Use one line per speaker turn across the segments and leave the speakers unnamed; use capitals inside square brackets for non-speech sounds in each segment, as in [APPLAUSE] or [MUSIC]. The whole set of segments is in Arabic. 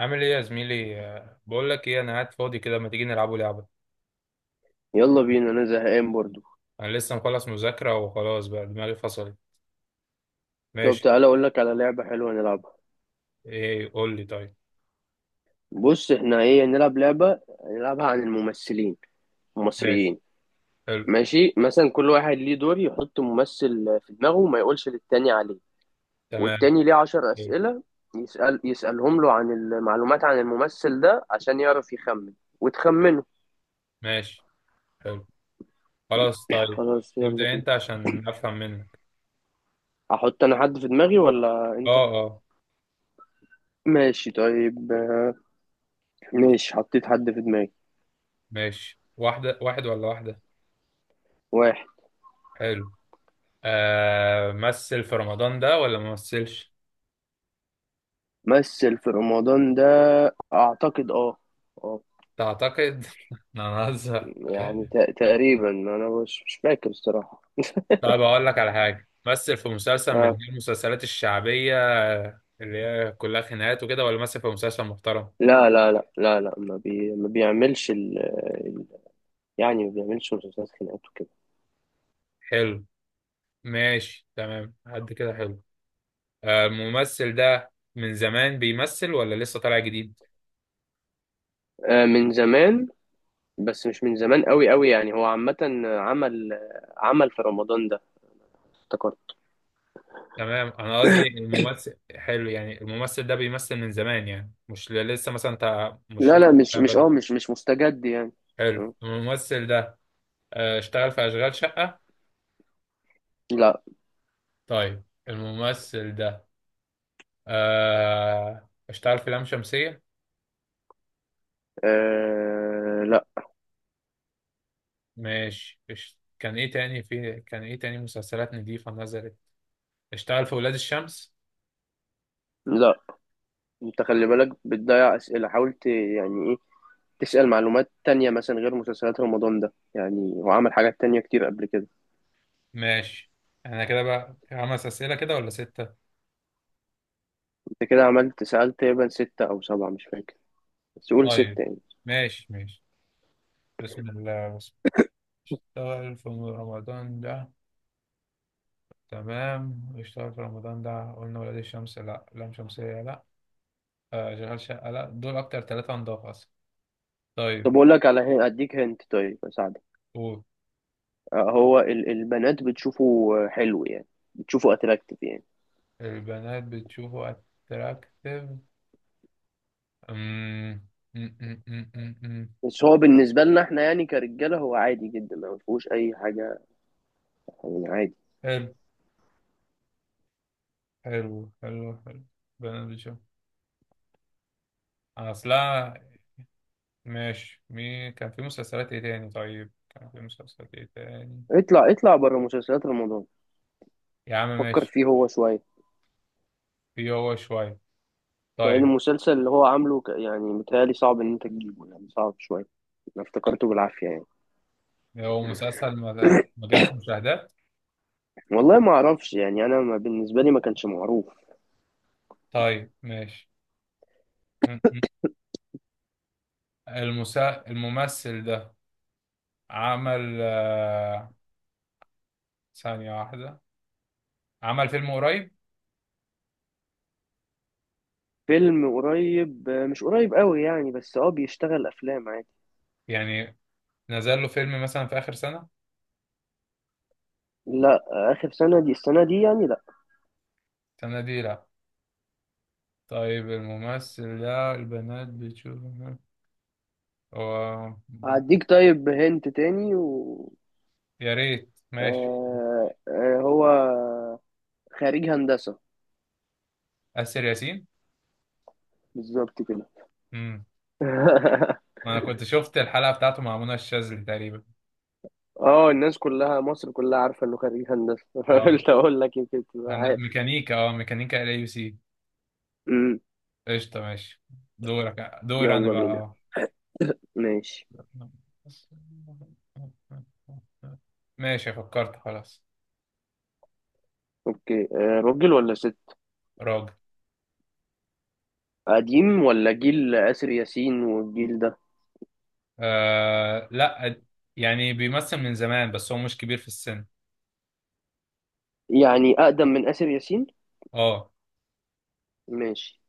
عامل ايه يا زميلي، بقول لك ايه، انا قاعد فاضي كده، ما تيجي نلعبوا لعبه؟
يلا بينا، انا زهقان برضو.
انا لسه مخلص مذاكره وخلاص بقى دماغي فصلت.
طب
ماشي.
تعالى اقول لك على لعبة حلوة نلعبها.
ايه قول لي؟ طيب
بص، احنا ايه، نلعب لعبة نلعبها عن الممثلين
ماشي
المصريين.
حلو.
ماشي، مثلا كل واحد ليه دور يحط ممثل في دماغه وما يقولش للتاني عليه.
تمام
والتاني ليه عشر
حلو.
أسئلة يسألهم له عن المعلومات عن الممثل ده عشان يعرف يخمن وتخمنه.
ماشي حلو. خلاص طيب.
خلاص، يلا
ابدا
بينا.
انت عشان افهم منك.
احط انا حد في دماغي ولا
اه
انت؟
اه،
ماشي طيب. ماشي، حطيت حد في دماغي.
ماشي. واحده، واحد ولا واحده؟
واحد.
حلو. مثل في رمضان ده ولا ما مثلش؟
مثل في رمضان ده، اعتقد. اه. اه.
تعتقد؟ [LAUGHS] انا هزهق.
يعني تقريبا انا مش فاكر الصراحه.
طيب اقول لك على حاجه، مثل في مسلسل من
آه.
اللي هي المسلسلات الشعبيه اللي هي كلها خناقات وكده، ولا مثل في مسلسل محترم؟
لا لا لا لا لا، ما بيعملش ال- يعني ما بيعملش مسلسلات خناقات وكده.
حلو. ماشي تمام قد كده حلو. الممثل ده من زمان بيمثل ولا لسه طالع جديد؟
آه، من زمان. بس مش من زمان قوي قوي، يعني هو عامه. عمل عمل في رمضان ده، افتكرت.
تمام، انا قصدي الممثل حلو، يعني الممثل ده بيمثل من زمان، يعني مش لسه، مثلا انت مش
لا
لسه
لا، مش
طالع
مش
بقاله.
اه مش مش مستجد يعني.
حلو
م.
الممثل ده. اشتغل في اشغال شقه؟
لا.
طيب الممثل ده اشتغل في لام شمسيه؟
آه، لا.
ماشي. كان ايه تاني في، كان ايه تاني مسلسلات نضيفة نزلت؟ اشتغل في ولاد الشمس؟
لا، انت خلي بالك بتضيع اسئله، حاولت يعني تسأل معلومات تانية مثلا غير مسلسلات رمضان ده، يعني هو عمل حاجات تانية كتير قبل كده.
ماشي. احنا كده بقى خمس اسئلة كده ولا ستة؟
انت كده عملت، سألت تقريبا 6 أو 7، مش فاكر، بس قول
طيب
6 يعني.
ماشي ماشي. بسم الله، بسم الله. اشتغل في رمضان ده. تمام اشتغل في رمضان ده، قلنا ولاد الشمس لا، لام شمسية لا، شغال شقة لا، دول اكتر ثلاثة نضاف اصلا. طيب
طب أقول لك على أديك هنت، طيب أساعدك.
قول.
هو البنات بتشوفه حلو يعني، بتشوفه أتراكتيف يعني.
البنات بتشوفه اتراكتيف؟ أمم، أمم، أمم، أمم، أمم.
بس هو بالنسبة لنا احنا يعني، كرجالة، هو عادي جدا، ما فيهوش أي حاجة، يعني عادي.
حلو. حلو حلو حلو، بنات بتشوف اصلا. ماشي مين كان في مسلسلات ايه تاني؟ طيب كان في مسلسلات ايه تاني؟
اطلع اطلع بره مسلسلات رمضان.
يا عم
فكر
ماشي.
فيه هو شوية.
في هو شوية.
لأن
طيب
المسلسل اللي هو عامله يعني متهيألي صعب إن أنت تجيبه، يعني صعب شوية. أنا افتكرته بالعافية يعني.
هو مسلسل ما جابش مشاهدات؟
والله ما اعرفش يعني، انا، ما بالنسبه لي، ما كانش معروف.
طيب ماشي. م- م. الممثل ده عمل، ثانية واحدة، عمل فيلم قريب؟
فيلم قريب. مش قريب قوي يعني، بس بيشتغل افلام عادي.
يعني نزل له فيلم مثلا في آخر سنة؟
لا. اخر سنه دي السنه دي يعني، لا.
السنة دي لا. طيب الممثل ده البنات بتشوفه هو؟
هديك طيب، هنت تاني، و
يا ريت ماشي.
هو خريج هندسه.
آسر ياسين.
بالظبط كده.
امم،
[LAUGHS]
انا كنت شفت الحلقة بتاعته مع منى الشاذلي تقريبا.
اه، الناس كلها، مصر كلها عارفه انه خريج هندسه. [LAUGHS]
اه
قلت اقول لك يمكن تبقى عارف.
ميكانيكا، اه ميكانيكا ال يو سي.
أمم،
قشطة ماشي. دورك، دور انا
يلا
بقى
بينا.
اه.
ماشي،
ماشي فكرت خلاص.
اوكي. راجل ولا ست؟
راجل.
قديم ولا جيل آسر ياسين والجيل ده؟
آه لا، يعني بيمثل من زمان بس هو مش كبير في السن.
يعني أقدم من آسر ياسين.
اه.
ماشي.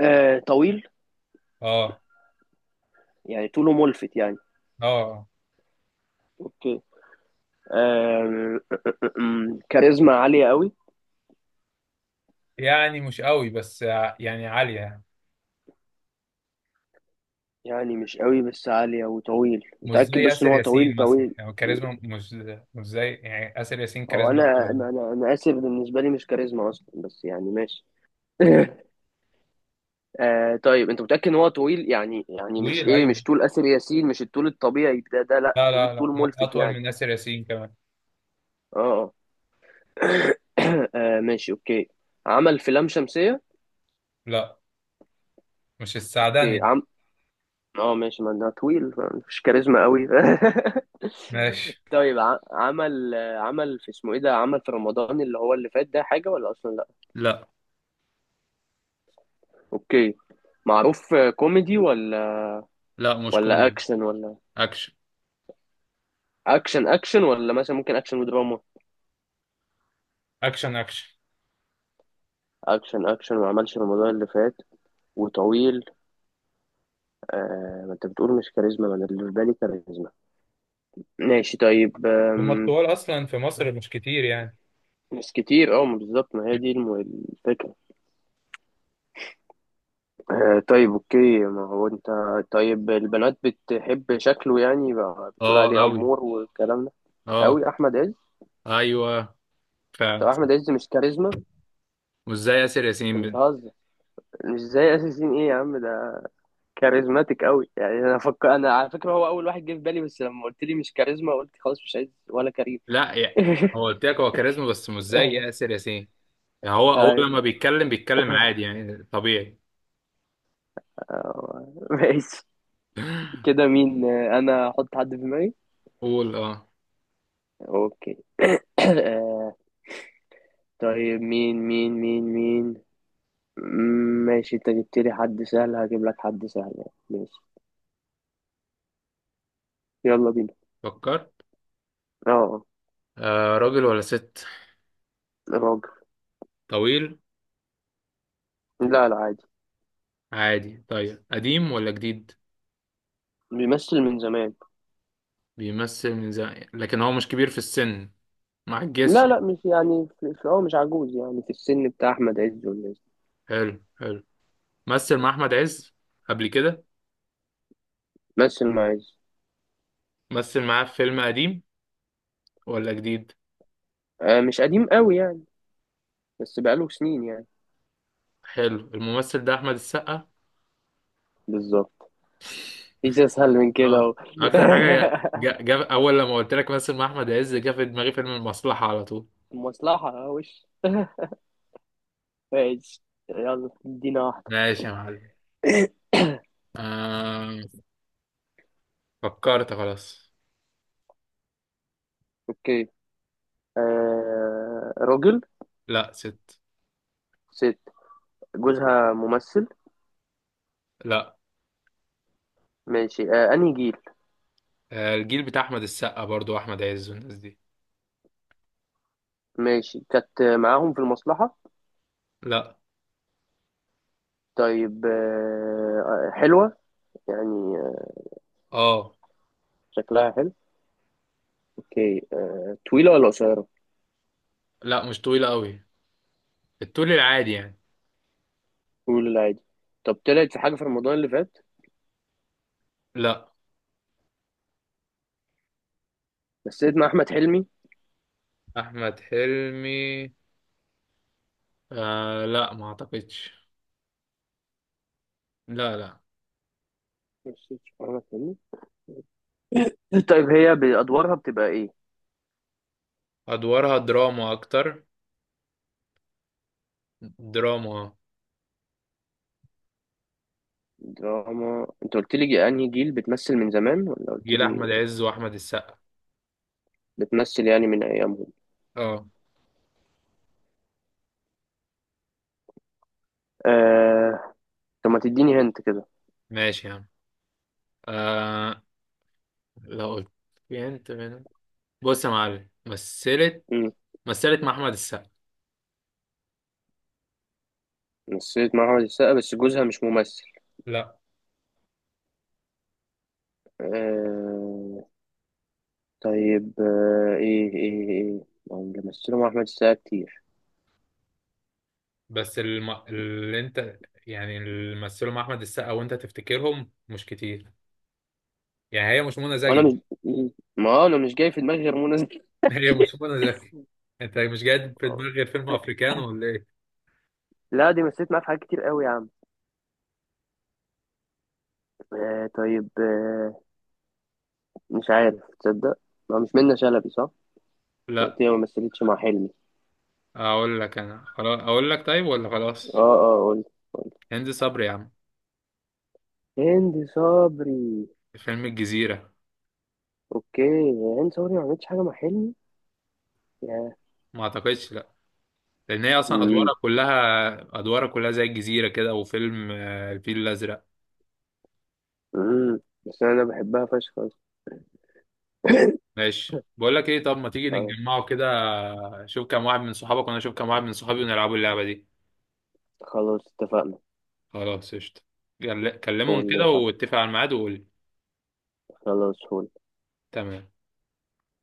آه، طويل،
اه.
يعني طوله ملفت يعني.
اه.
اوكي. آه [LAUGHS] كاريزما عالية قوي.
يعني مش قوي بس يعني عالية.
يعني مش قوي بس عالية، وطويل
مش زي
متأكد، بس ان
ياسر
هو طويل
ياسين مثلا،
طويل.
يعني كاريزما مش، مش زي يعني ياسر ياسين،
هو
كاريزما أكتر
انا
منه.
انا انا أنا آسر بالنسبة لي مش كاريزما اصلا، بس يعني ماشي. [LAUGHS] طيب انت متأكد ان هو طويل يعني مش
طويل
ايه،
ايوه.
مش طول آسر ياسين، مش الطول الطبيعي ده لا،
لا
طويل،
لا
طول
لا،
ملفت
اطول
يعني.
من ياسر ياسين كمان.
اه اه. [COUGHS] [CLEARS THROAT] ماشي اوكي. عمل في لام شمسية.
لا، مش السعداني
اوكي.
ده.
اه، ماشي، ما ده طويل، فمفيش كاريزما قوي. [LAUGHS]
ماشي.
طيب، عمل في اسمه ايه ده، عمل في رمضان اللي هو اللي فات ده حاجة ولا اصلا لا.
لا
اوكي. معروف كوميدي ولا؟
لا، مش
ولا
كوميدي.
اكشن ولا؟
اكشن.
اكشن اكشن، ولا مثلا ممكن اكشن ودراما؟
اكشن اكشن.
اكشن اكشن، ما عملش رمضان اللي فات. وطويل. آه، ما انت بتقول مش كاريزما، ما انا اللي في بالي كاريزما. ماشي طيب.
هما الطوال اصلا في مصر مش كتير يعني.
مش كتير، اه، ما بالظبط، ما هي دي الفكرة. طيب اوكي، ما هو انت، طيب البنات بتحب شكله يعني بقى، بتقول
اه
عليه
قوي.
امور والكلام ده؟
اه.
قوي، احمد عز.
ايوه
طب
فعلا
احمد
صح.
عز مش كاريزما؟
مش زي ياسر ياسين
انت بتهزر، مش زي اساسين، ايه يا عم ده كاريزماتيك قوي يعني. انا فكر، انا على فكره هو اول واحد جه في بالي، بس لما قلت لي مش كاريزما قلت خلاص مش عايز، ولا كريم.
لا يعني، هو
[LAUGHS]
قلت لك هو كاريزما بس مش زي ياسر ياسين، يعني هو هو لما
ايوه.
بيتكلم بيتكلم عادي يعني طبيعي.
ماشي.
[LAUGHS]
كده مين؟ انا احط حد في دماغي.
قول اه.
اوكي. [COUGHS] [CLEARS THROAT] آه، طيب مين مين مين مين. ماشي، انت جبت لي حد سهل، هجيب لك حد سهل يعني. ماشي، يلا بينا.
فكرت.
اه،
راجل ولا ست؟
راجل.
طويل؟
لا لا، عادي.
عادي؟ طيب قديم ولا جديد؟
بيمثل من زمان.
بيمثل من زمان لكن هو مش كبير في السن، ما عجزش
لا لا،
يعني.
مش يعني هو مش عجوز يعني، في السن بتاع احمد عز والناس دي.
حلو حلو. مثل مع أحمد عز قبل كده؟
مثل مع عز.
مثل معاه في فيلم قديم ولا جديد؟
آه، مش قديم قوي يعني، بس بقاله سنين يعني.
حلو، الممثل ده أحمد السقا.
بالظبط، مفيش اسهل من كده اهو.
اه، أكتر حاجة
[LAUGHS]
جا أول لما قلت لك مثل مع أحمد عز، جه في دماغي فيلم المصلحة على طول.
مصلحة، وش ماشي. يلا ادينا واحدة.
ماشي يا معلم. آه فكرت خلاص.
اوكي. راجل.
لا ست.
ست. جوزها ممثل.
لا.
ماشي. انهي جيل؟
الجيل بتاع احمد السقا برضو، احمد عز والناس دي.
ماشي، كانت معاهم في المصلحة.
لا.
طيب، حلوة يعني،
اه.
شكلها حلو. اوكي، طويلة ولا قصيرة؟
لا مش طويلة قوي، الطول العادي يعني.
طويلة لا، عادي. طب طلعت في حاجة في رمضان اللي فات؟
لا.
مثلت مع أحمد حلمي.
احمد حلمي؟ لا ما اعتقدش، لا لا.
مثلت مع أحمد حلمي. [LAUGHS] طيب هي بأدوارها بتبقى إيه؟
ادوارها دراما اكتر، دراما.
دراما. أنت قلت لي أنهي جيل بتمثل من زمان، ولا قلت
جيل
لي
احمد عز واحمد السقا.
بتمثل يعني من أيامهم؟
اه.
آه. طب ما تديني هنت كده.
ماشي يا عم. آه، لو قلت، في انت من، بص يا معلم مثلت.
مم.
مثلت مع احمد السقا.
مثلت مع أحمد السقا، بس جوزها مش ممثل.
لا.
آه. طيب، ايه ايه ايه، ما هم اللي مثلوا مع احمد السقا كتير،
بس اللي انت، يعني اللي مثلوا مع احمد السقا وانت تفتكرهم مش كتير، يعني هي مش منى
وانا
زكي؟
مش، ما هو انا مش جاي في دماغي غير منى زكي.
[LAUGHS] هي
[LAUGHS]
مش منى زكي. انت مش جاي في دماغك غير فيلم افريكانو ولا ايه؟
لا، دي مثلت معاه في حاجات كتير قوي يا عم. طيب، مش عارف تصدق، ما مش منة شلبي صح؟ أنت
لا.
قلت لي ما مثلتش مع حلمي.
اقول لك انا خلاص، اقول لك طيب ولا خلاص؟
اه اه، قلت.
هند صبري يا عم.
هند صبري.
فيلم الجزيرة.
اوكي. هند صبري ما عملتش حاجه مع حلمي يا...
ما اعتقدش لا، لان هي اصلا
امم
ادوارها كلها، ادوارها كلها زي الجزيرة كده وفيلم الفيل الازرق.
امم بس انا بحبها فشخ [LAUGHS] أصلاً.
ماشي بقول لك ايه، طب ما تيجي
آه،
نتجمعوا كده، شوف كام واحد من صحابك وانا اشوف كام واحد من صحابي ونلعبوا اللعبة دي.
خلاص اتفقنا.
خلاص قشطة. كلمهم
قول لي
كده
صح.
واتفق على الميعاد وقول لي.
خلاص قول.
تمام